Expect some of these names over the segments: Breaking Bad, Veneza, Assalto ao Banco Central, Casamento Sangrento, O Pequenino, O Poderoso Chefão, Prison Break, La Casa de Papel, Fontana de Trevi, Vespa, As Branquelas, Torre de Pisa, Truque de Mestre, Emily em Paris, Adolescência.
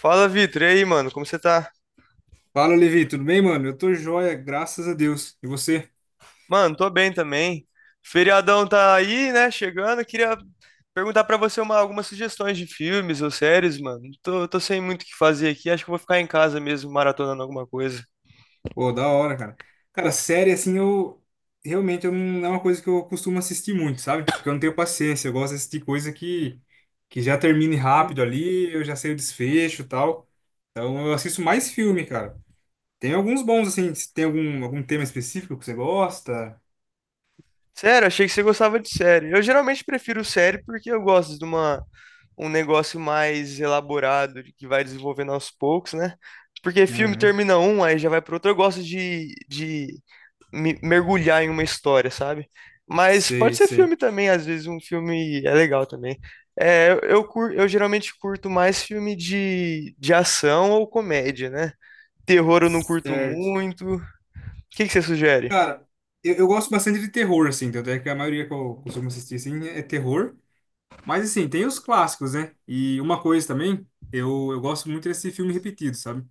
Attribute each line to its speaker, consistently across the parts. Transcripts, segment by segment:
Speaker 1: Fala, Vitor. E aí, mano? Como você tá?
Speaker 2: Fala, Levi, tudo bem, mano? Eu tô joia, graças a Deus. E você?
Speaker 1: Mano, tô bem também. Feriadão tá aí, né? Chegando. Queria perguntar pra você algumas sugestões de filmes ou séries, mano. Tô sem muito o que fazer aqui. Acho que eu vou ficar em casa mesmo, maratonando alguma coisa.
Speaker 2: Pô, da hora, cara. Cara, série, assim, realmente, eu não é uma coisa que eu costumo assistir muito, sabe? Porque eu não tenho paciência. Eu gosto de assistir coisa que já termine rápido ali, eu já sei o desfecho e tal. Então, eu assisto mais filme, cara. Tem alguns bons, assim. Se Tem algum tema específico que você gosta?
Speaker 1: Sério, achei que você gostava de série. Eu geralmente prefiro série porque eu gosto de um negócio mais elaborado, de que vai desenvolvendo aos poucos, né? Porque filme
Speaker 2: Aham.
Speaker 1: termina um, aí já vai pro outro. Eu gosto de mergulhar em uma história, sabe? Mas
Speaker 2: Sei,
Speaker 1: pode ser
Speaker 2: sei.
Speaker 1: filme também, às vezes um filme é legal também. Eu eu geralmente curto mais filme de ação ou comédia, né? Terror eu não curto
Speaker 2: Certo.
Speaker 1: muito. O que que você sugere?
Speaker 2: Cara, eu gosto bastante de terror, assim. Tanto é que a maioria que eu costumo assistir, assim, é terror. Mas assim, tem os clássicos, né? E uma coisa também, eu gosto muito desse filme repetido, sabe?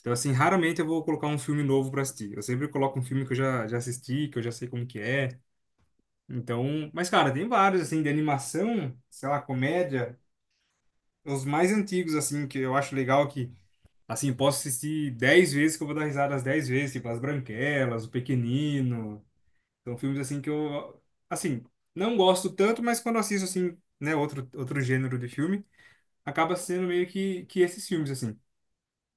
Speaker 2: Então, assim, raramente eu vou colocar um filme novo pra assistir. Eu sempre coloco um filme que eu já assisti, que eu já sei como que é. Então, mas cara, tem vários, assim, de animação, sei lá, comédia. Os mais antigos, assim, que eu acho legal que, assim, posso assistir 10 vezes que eu vou dar risada as 10 vezes, tipo As Branquelas, O Pequenino. São filmes, assim, que eu, assim, não gosto tanto, mas quando assisto, assim, né, outro gênero de filme acaba sendo meio que esses filmes, assim.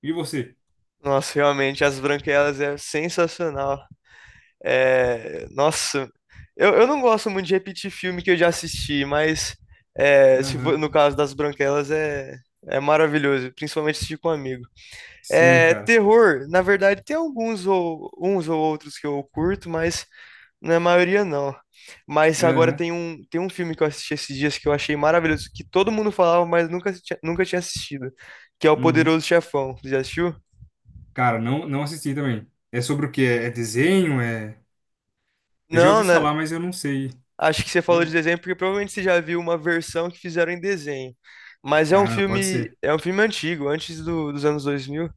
Speaker 2: E você?
Speaker 1: Nossa, realmente, As Branquelas é sensacional. Nossa, eu não gosto muito de repetir filme que eu já assisti, mas é, se for-
Speaker 2: Aham.
Speaker 1: no caso das Branquelas é maravilhoso, principalmente assistir com um amigo.
Speaker 2: Sim,
Speaker 1: É,
Speaker 2: cara.
Speaker 1: terror, na verdade, tem alguns ou uns ou outros que eu curto, mas na maioria não. Mas agora
Speaker 2: Aham.
Speaker 1: tem um filme que eu assisti esses dias que eu achei maravilhoso, que todo mundo falava, mas nunca tinha assistido, que é O
Speaker 2: Uhum.
Speaker 1: Poderoso Chefão. Você já assistiu?
Speaker 2: Cara, não, não assisti também. É sobre o quê? É desenho? Eu já
Speaker 1: Não,
Speaker 2: ouvi
Speaker 1: né?
Speaker 2: falar, mas eu não sei.
Speaker 1: Acho que você falou de
Speaker 2: Eu-
Speaker 1: desenho porque provavelmente você já viu uma versão que fizeram em desenho. Mas é um
Speaker 2: Ah, pode
Speaker 1: filme,
Speaker 2: ser.
Speaker 1: é um filme antigo, dos anos 2000.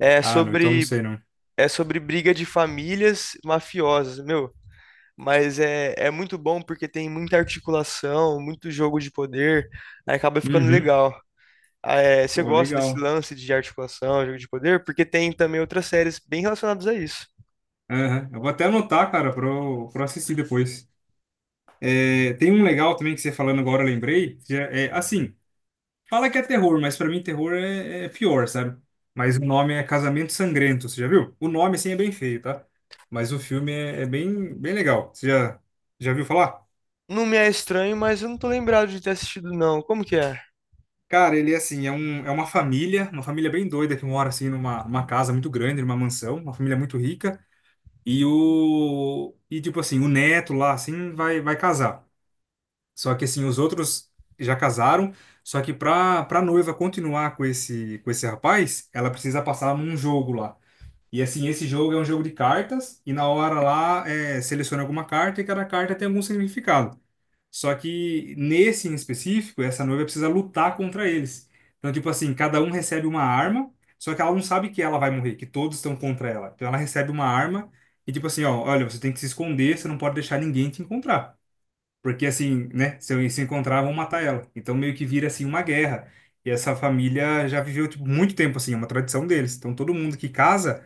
Speaker 1: É
Speaker 2: Ah, não, então não
Speaker 1: sobre,
Speaker 2: sei, não.
Speaker 1: é sobre briga de famílias mafiosas. Meu, mas é muito bom porque tem muita articulação, muito jogo de poder, aí acaba ficando
Speaker 2: Uhum.
Speaker 1: legal. Ah, é, você
Speaker 2: Pô,
Speaker 1: gosta desse
Speaker 2: legal.
Speaker 1: lance de articulação, jogo de poder? Porque tem também outras séries bem relacionadas a isso.
Speaker 2: Aham. Eu vou até anotar, cara, pra eu assistir depois. É, tem um legal também que você falando agora, eu lembrei, que é assim. Fala que é terror, mas pra mim terror é pior, sabe? Mas o nome é Casamento Sangrento, você já viu? O nome, assim, é bem feio, tá? Mas o filme é bem, bem legal. Você já viu falar?
Speaker 1: Não me é estranho, mas eu não tô lembrado de ter assistido, não. Como que é?
Speaker 2: Cara, ele é assim, é uma família bem doida que mora, assim, numa casa muito grande, numa mansão, uma família muito rica. E, tipo assim, o neto lá, assim, vai casar. Só que, assim, os outros já casaram, só que para noiva continuar com esse rapaz, ela precisa passar num jogo lá. E assim, esse jogo é um jogo de cartas, e na hora lá seleciona alguma carta e cada carta tem algum significado. Só que nesse em específico, essa noiva precisa lutar contra eles. Então, tipo assim, cada um recebe uma arma, só que ela não sabe que ela vai morrer, que todos estão contra ela. Então ela recebe uma arma e tipo assim, ó, olha, você tem que se esconder, você não pode deixar ninguém te encontrar. Porque assim, né, se eu se encontrar, vão matar ela. Então meio que vira assim uma guerra. E essa família já viveu tipo, muito tempo assim, é uma tradição deles. Então todo mundo que casa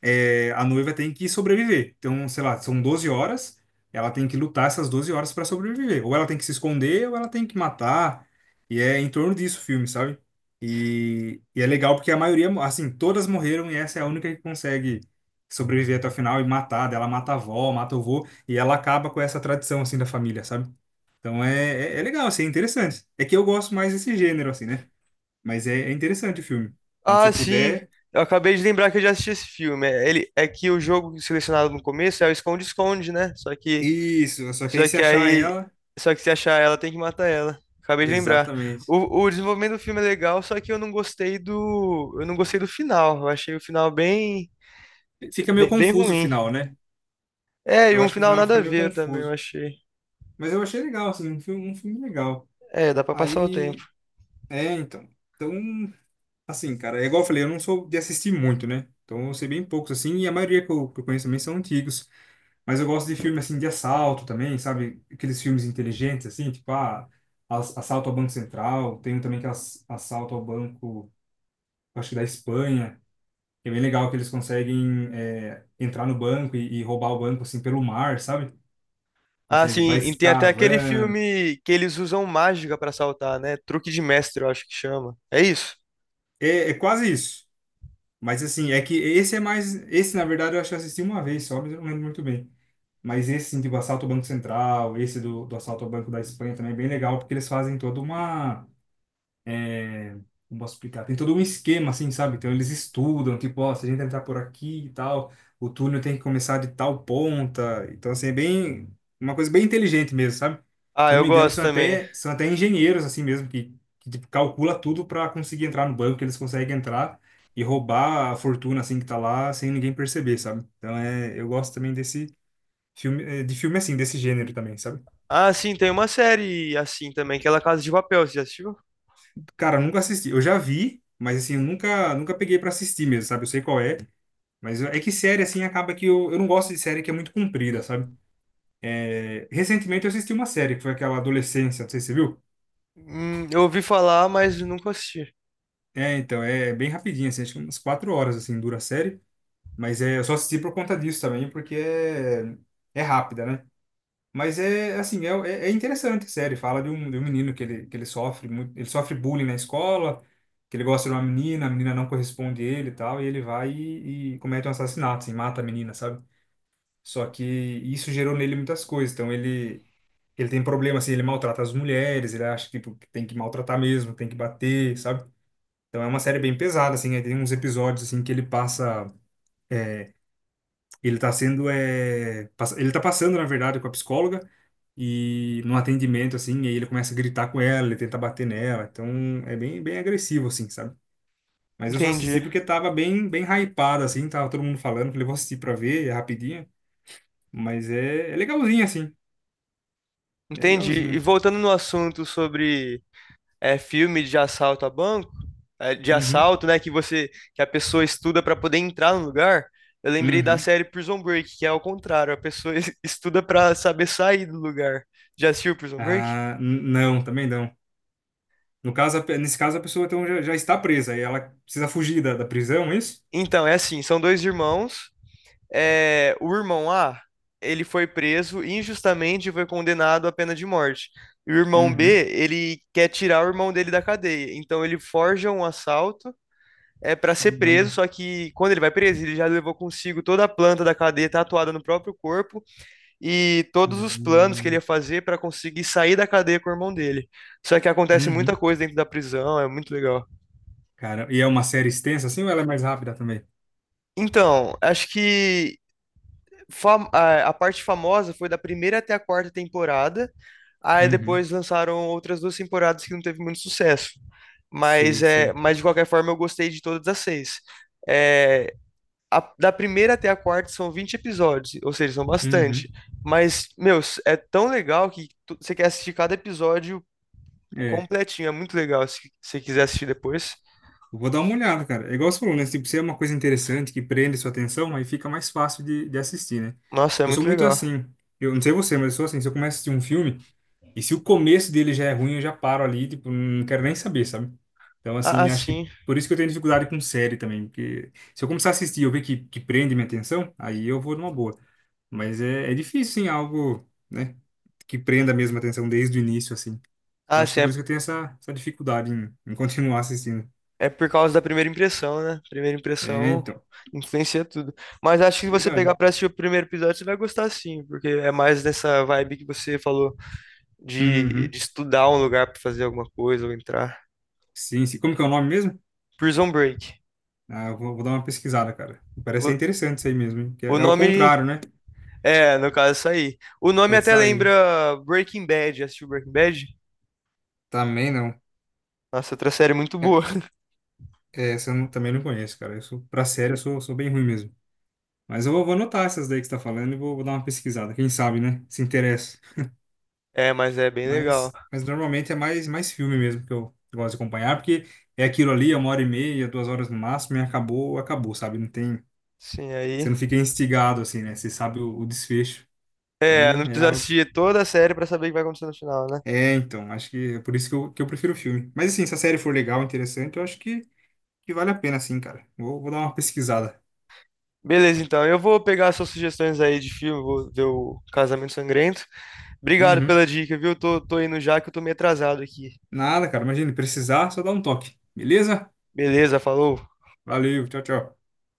Speaker 2: a noiva tem que sobreviver. Então, sei lá, são 12 horas, ela tem que lutar essas 12 horas para sobreviver. Ou ela tem que se esconder, ou ela tem que matar. E é em torno disso o filme, sabe? E é legal porque a maioria, assim, todas morreram e essa é a única que consegue sobreviver até o final e matar. Daí, ela mata a avó, mata o vô, e ela acaba com essa tradição, assim, da família, sabe? Então é legal, assim, é interessante. É que eu gosto mais desse gênero, assim, né? Mas é, é interessante o filme. Quando você
Speaker 1: Ah, sim.
Speaker 2: puder.
Speaker 1: Eu acabei de lembrar que eu já assisti esse filme. É que o jogo selecionado no começo é o esconde-esconde, né?
Speaker 2: Isso, só que aí
Speaker 1: Só
Speaker 2: se
Speaker 1: que
Speaker 2: achar
Speaker 1: aí.
Speaker 2: ela.
Speaker 1: Só que se achar ela, tem que matar ela. Acabei de lembrar.
Speaker 2: Exatamente.
Speaker 1: O desenvolvimento do filme é legal, só que eu não gostei do. Eu não gostei do final. Eu achei o final bem,
Speaker 2: Fica meio
Speaker 1: bem, bem
Speaker 2: confuso o
Speaker 1: ruim.
Speaker 2: final, né?
Speaker 1: É, e
Speaker 2: Eu
Speaker 1: um
Speaker 2: acho que o
Speaker 1: final
Speaker 2: final
Speaker 1: nada
Speaker 2: fica
Speaker 1: a
Speaker 2: meio
Speaker 1: ver também, eu
Speaker 2: confuso.
Speaker 1: achei.
Speaker 2: Mas eu achei legal, assim, um filme legal.
Speaker 1: É, dá pra passar o tempo.
Speaker 2: Aí, então. Então, assim, cara, é igual eu falei, eu não sou de assistir muito, né? Então eu sei bem poucos, assim, e a maioria que eu conheço também são antigos. Mas eu gosto de filme, assim, de assalto também, sabe? Aqueles filmes inteligentes, assim, tipo, ah, Assalto ao Banco Central. Tem um também que é Assalto ao Banco, acho que da Espanha. É bem legal que eles conseguem entrar no banco e roubar o banco assim pelo mar, sabe?
Speaker 1: Ah,
Speaker 2: Consegue,
Speaker 1: sim,
Speaker 2: vai
Speaker 1: e tem até aquele
Speaker 2: escavando.
Speaker 1: filme que eles usam mágica pra saltar, né? Truque de mestre, eu acho que chama. É isso?
Speaker 2: É, é quase isso. Mas assim, é que esse é mais. Esse, na verdade, eu acho que eu assisti uma vez só, mas eu não lembro muito bem. Mas esse, assim, tipo, assalto ao Banco Central, esse do assalto ao Banco da Espanha também é bem legal, porque eles fazem toda uma... Como posso explicar? Tem todo um esquema, assim, sabe? Então eles estudam, tipo, ó, se a gente entrar por aqui e tal, o túnel tem que começar de tal ponta. Então, assim, é bem, uma coisa bem inteligente mesmo, sabe?
Speaker 1: Ah,
Speaker 2: Se eu não
Speaker 1: eu
Speaker 2: me engano,
Speaker 1: gosto
Speaker 2: são
Speaker 1: também.
Speaker 2: até, são até engenheiros, assim mesmo, que tipo, calcula tudo para conseguir entrar no banco, que eles conseguem entrar e roubar a fortuna, assim, que tá lá, sem ninguém perceber, sabe? Então, é, eu gosto também desse filme, de filme, assim, desse gênero também, sabe?
Speaker 1: Ah, sim, tem uma série assim também, que é La Casa de Papel, você já assistiu?
Speaker 2: Cara, eu nunca assisti. Eu já vi, mas, assim, eu nunca peguei para assistir mesmo, sabe? Eu sei qual é. Mas é que série, assim, acaba que eu não gosto de série que é muito comprida, sabe? É, recentemente eu assisti uma série, que foi aquela Adolescência, não sei se você viu.
Speaker 1: Eu ouvi falar, mas nunca assisti.
Speaker 2: É, então, é bem rapidinho, assim, acho que umas 4 horas, assim, dura a série. Mas é, eu só assisti por conta disso também, porque é, é rápida, né? Mas é, assim, é interessante a série. Fala de um menino que ele sofre muito, ele sofre bullying na escola, que ele gosta de uma menina, a menina não corresponde a ele e tal, e ele vai e comete um assassinato, assim, mata a menina, sabe? Só que isso gerou nele muitas coisas. Então ele tem problema assim, ele maltrata as mulheres, ele acha que tipo, que tem que maltratar mesmo, tem que bater, sabe? Então é uma série bem pesada assim, aí tem uns episódios assim que ele passa é, ele tá sendo ele tá passando na verdade com a psicóloga e num atendimento assim, e aí ele começa a gritar com ela, ele tenta bater nela. Então é bem bem agressivo assim, sabe? Mas eu só assisti
Speaker 1: Entendi.
Speaker 2: porque tava bem bem hypado assim, tava todo mundo falando, falei, vou assistir pra ver, é rapidinho. Mas é, é legalzinho, assim. É
Speaker 1: Entendi.
Speaker 2: legalzinho.
Speaker 1: E voltando no assunto sobre filme de assalto a banco, de
Speaker 2: Uhum.
Speaker 1: assalto, né, que a pessoa estuda para poder entrar no lugar, eu lembrei da
Speaker 2: Uhum.
Speaker 1: série Prison Break, que é ao contrário, a pessoa estuda para saber sair do lugar. Já assistiu Prison Break?
Speaker 2: Ah, não, também não. No caso, nesse caso, a pessoa então, já está presa e ela precisa fugir da prisão, é isso?
Speaker 1: Então, é assim, são dois irmãos. É, o irmão A, ele foi preso injustamente e foi condenado à pena de morte. E o irmão B,
Speaker 2: Uhum.
Speaker 1: ele quer tirar o irmão dele da cadeia. Então ele forja um assalto para ser preso,
Speaker 2: Caramba.
Speaker 1: só que quando ele vai preso, ele já levou consigo toda a planta da cadeia tatuada no próprio corpo e todos os planos que ele ia
Speaker 2: Uhum.
Speaker 1: fazer para conseguir sair da cadeia com o irmão dele. Só que acontece muita
Speaker 2: Uhum.
Speaker 1: coisa dentro da prisão, é muito legal.
Speaker 2: Cara, e é uma série extensa assim ou ela é mais rápida também?
Speaker 1: Então, acho que a parte famosa foi da primeira até a quarta temporada. Aí
Speaker 2: Uhum.
Speaker 1: depois lançaram outras duas temporadas que não teve muito sucesso. Mas,
Speaker 2: Sei,
Speaker 1: é,
Speaker 2: sei.
Speaker 1: mas de qualquer forma, eu gostei de todas as seis. É, da primeira até a quarta são 20 episódios, ou seja, são bastante.
Speaker 2: Uhum.
Speaker 1: Mas, meu, é tão legal que você quer assistir cada episódio
Speaker 2: É.
Speaker 1: completinho. É muito legal se você quiser assistir depois.
Speaker 2: Eu vou dar uma olhada, cara. É igual você falou, né? Tipo, se é uma coisa interessante que prende sua atenção, aí fica mais fácil de assistir, né?
Speaker 1: Nossa, é
Speaker 2: Porque eu sou
Speaker 1: muito
Speaker 2: muito
Speaker 1: legal.
Speaker 2: assim. Eu não sei você, mas eu sou assim. Se eu começo a assistir um filme, e se o começo dele já é ruim, eu já paro ali, tipo, não quero nem saber, sabe? Então,
Speaker 1: Ah,
Speaker 2: assim, acho que
Speaker 1: sim.
Speaker 2: por isso que eu tenho dificuldade com série também. Porque se eu começar a assistir e eu ver que prende minha atenção, aí eu vou numa boa. Mas é, é difícil, sim, algo, né? Que prenda mesmo a atenção desde o início, assim. Então,
Speaker 1: Ah,
Speaker 2: acho que
Speaker 1: sim,
Speaker 2: é por
Speaker 1: é,
Speaker 2: isso que eu tenho essa dificuldade em continuar assistindo.
Speaker 1: é por causa da primeira impressão, né? Primeira
Speaker 2: É,
Speaker 1: impressão
Speaker 2: então.
Speaker 1: influencia tudo. Mas acho que se você pegar
Speaker 2: Verdade.
Speaker 1: pra assistir o primeiro episódio, você vai gostar sim, porque é mais nessa vibe que você falou de,
Speaker 2: Uhum.
Speaker 1: de estudar um lugar pra fazer alguma coisa ou entrar.
Speaker 2: Sim, sim. Como que é o nome mesmo?
Speaker 1: Prison Break.
Speaker 2: Ah, eu vou dar uma pesquisada, cara. Parece
Speaker 1: O,
Speaker 2: ser interessante isso aí mesmo, hein? Que
Speaker 1: o
Speaker 2: é, é o
Speaker 1: nome
Speaker 2: contrário, né?
Speaker 1: é, no caso, isso aí. O nome até
Speaker 2: Essa aí.
Speaker 1: lembra Breaking Bad. Já assistiu Breaking Bad?
Speaker 2: Também não.
Speaker 1: Nossa, outra série muito
Speaker 2: É-
Speaker 1: boa.
Speaker 2: é, essa eu não- também não conheço, cara. Eu sou, pra série, eu sou, sou bem ruim mesmo. Mas eu vou anotar essas daí que você tá falando e vou dar uma pesquisada. Quem sabe, né? Se interessa.
Speaker 1: É, mas é bem legal.
Speaker 2: Mas normalmente é mais filme mesmo que eu gosto de acompanhar, porque é aquilo ali, é uma hora e meia, 2 horas no máximo, e acabou, acabou, sabe? Não tem.
Speaker 1: Sim,
Speaker 2: Você
Speaker 1: aí.
Speaker 2: não fica instigado assim, né? Você sabe o desfecho.
Speaker 1: É,
Speaker 2: Então,
Speaker 1: não
Speaker 2: é
Speaker 1: precisa
Speaker 2: algo...
Speaker 1: assistir toda a série pra saber o que vai acontecer no final, né?
Speaker 2: É, então, acho que é por isso que eu prefiro o filme. Mas assim, se a série for legal, interessante, eu acho que vale a pena, sim, cara. Vou dar uma pesquisada.
Speaker 1: Beleza, então. Eu vou pegar suas sugestões aí de filme, vou ver o Casamento Sangrento. Obrigado
Speaker 2: Uhum.
Speaker 1: pela dica, viu? Tô indo já que eu tô meio atrasado aqui.
Speaker 2: Nada, cara. Imagina, precisar, só dá um toque. Beleza?
Speaker 1: Beleza, falou.
Speaker 2: Valeu, tchau, tchau.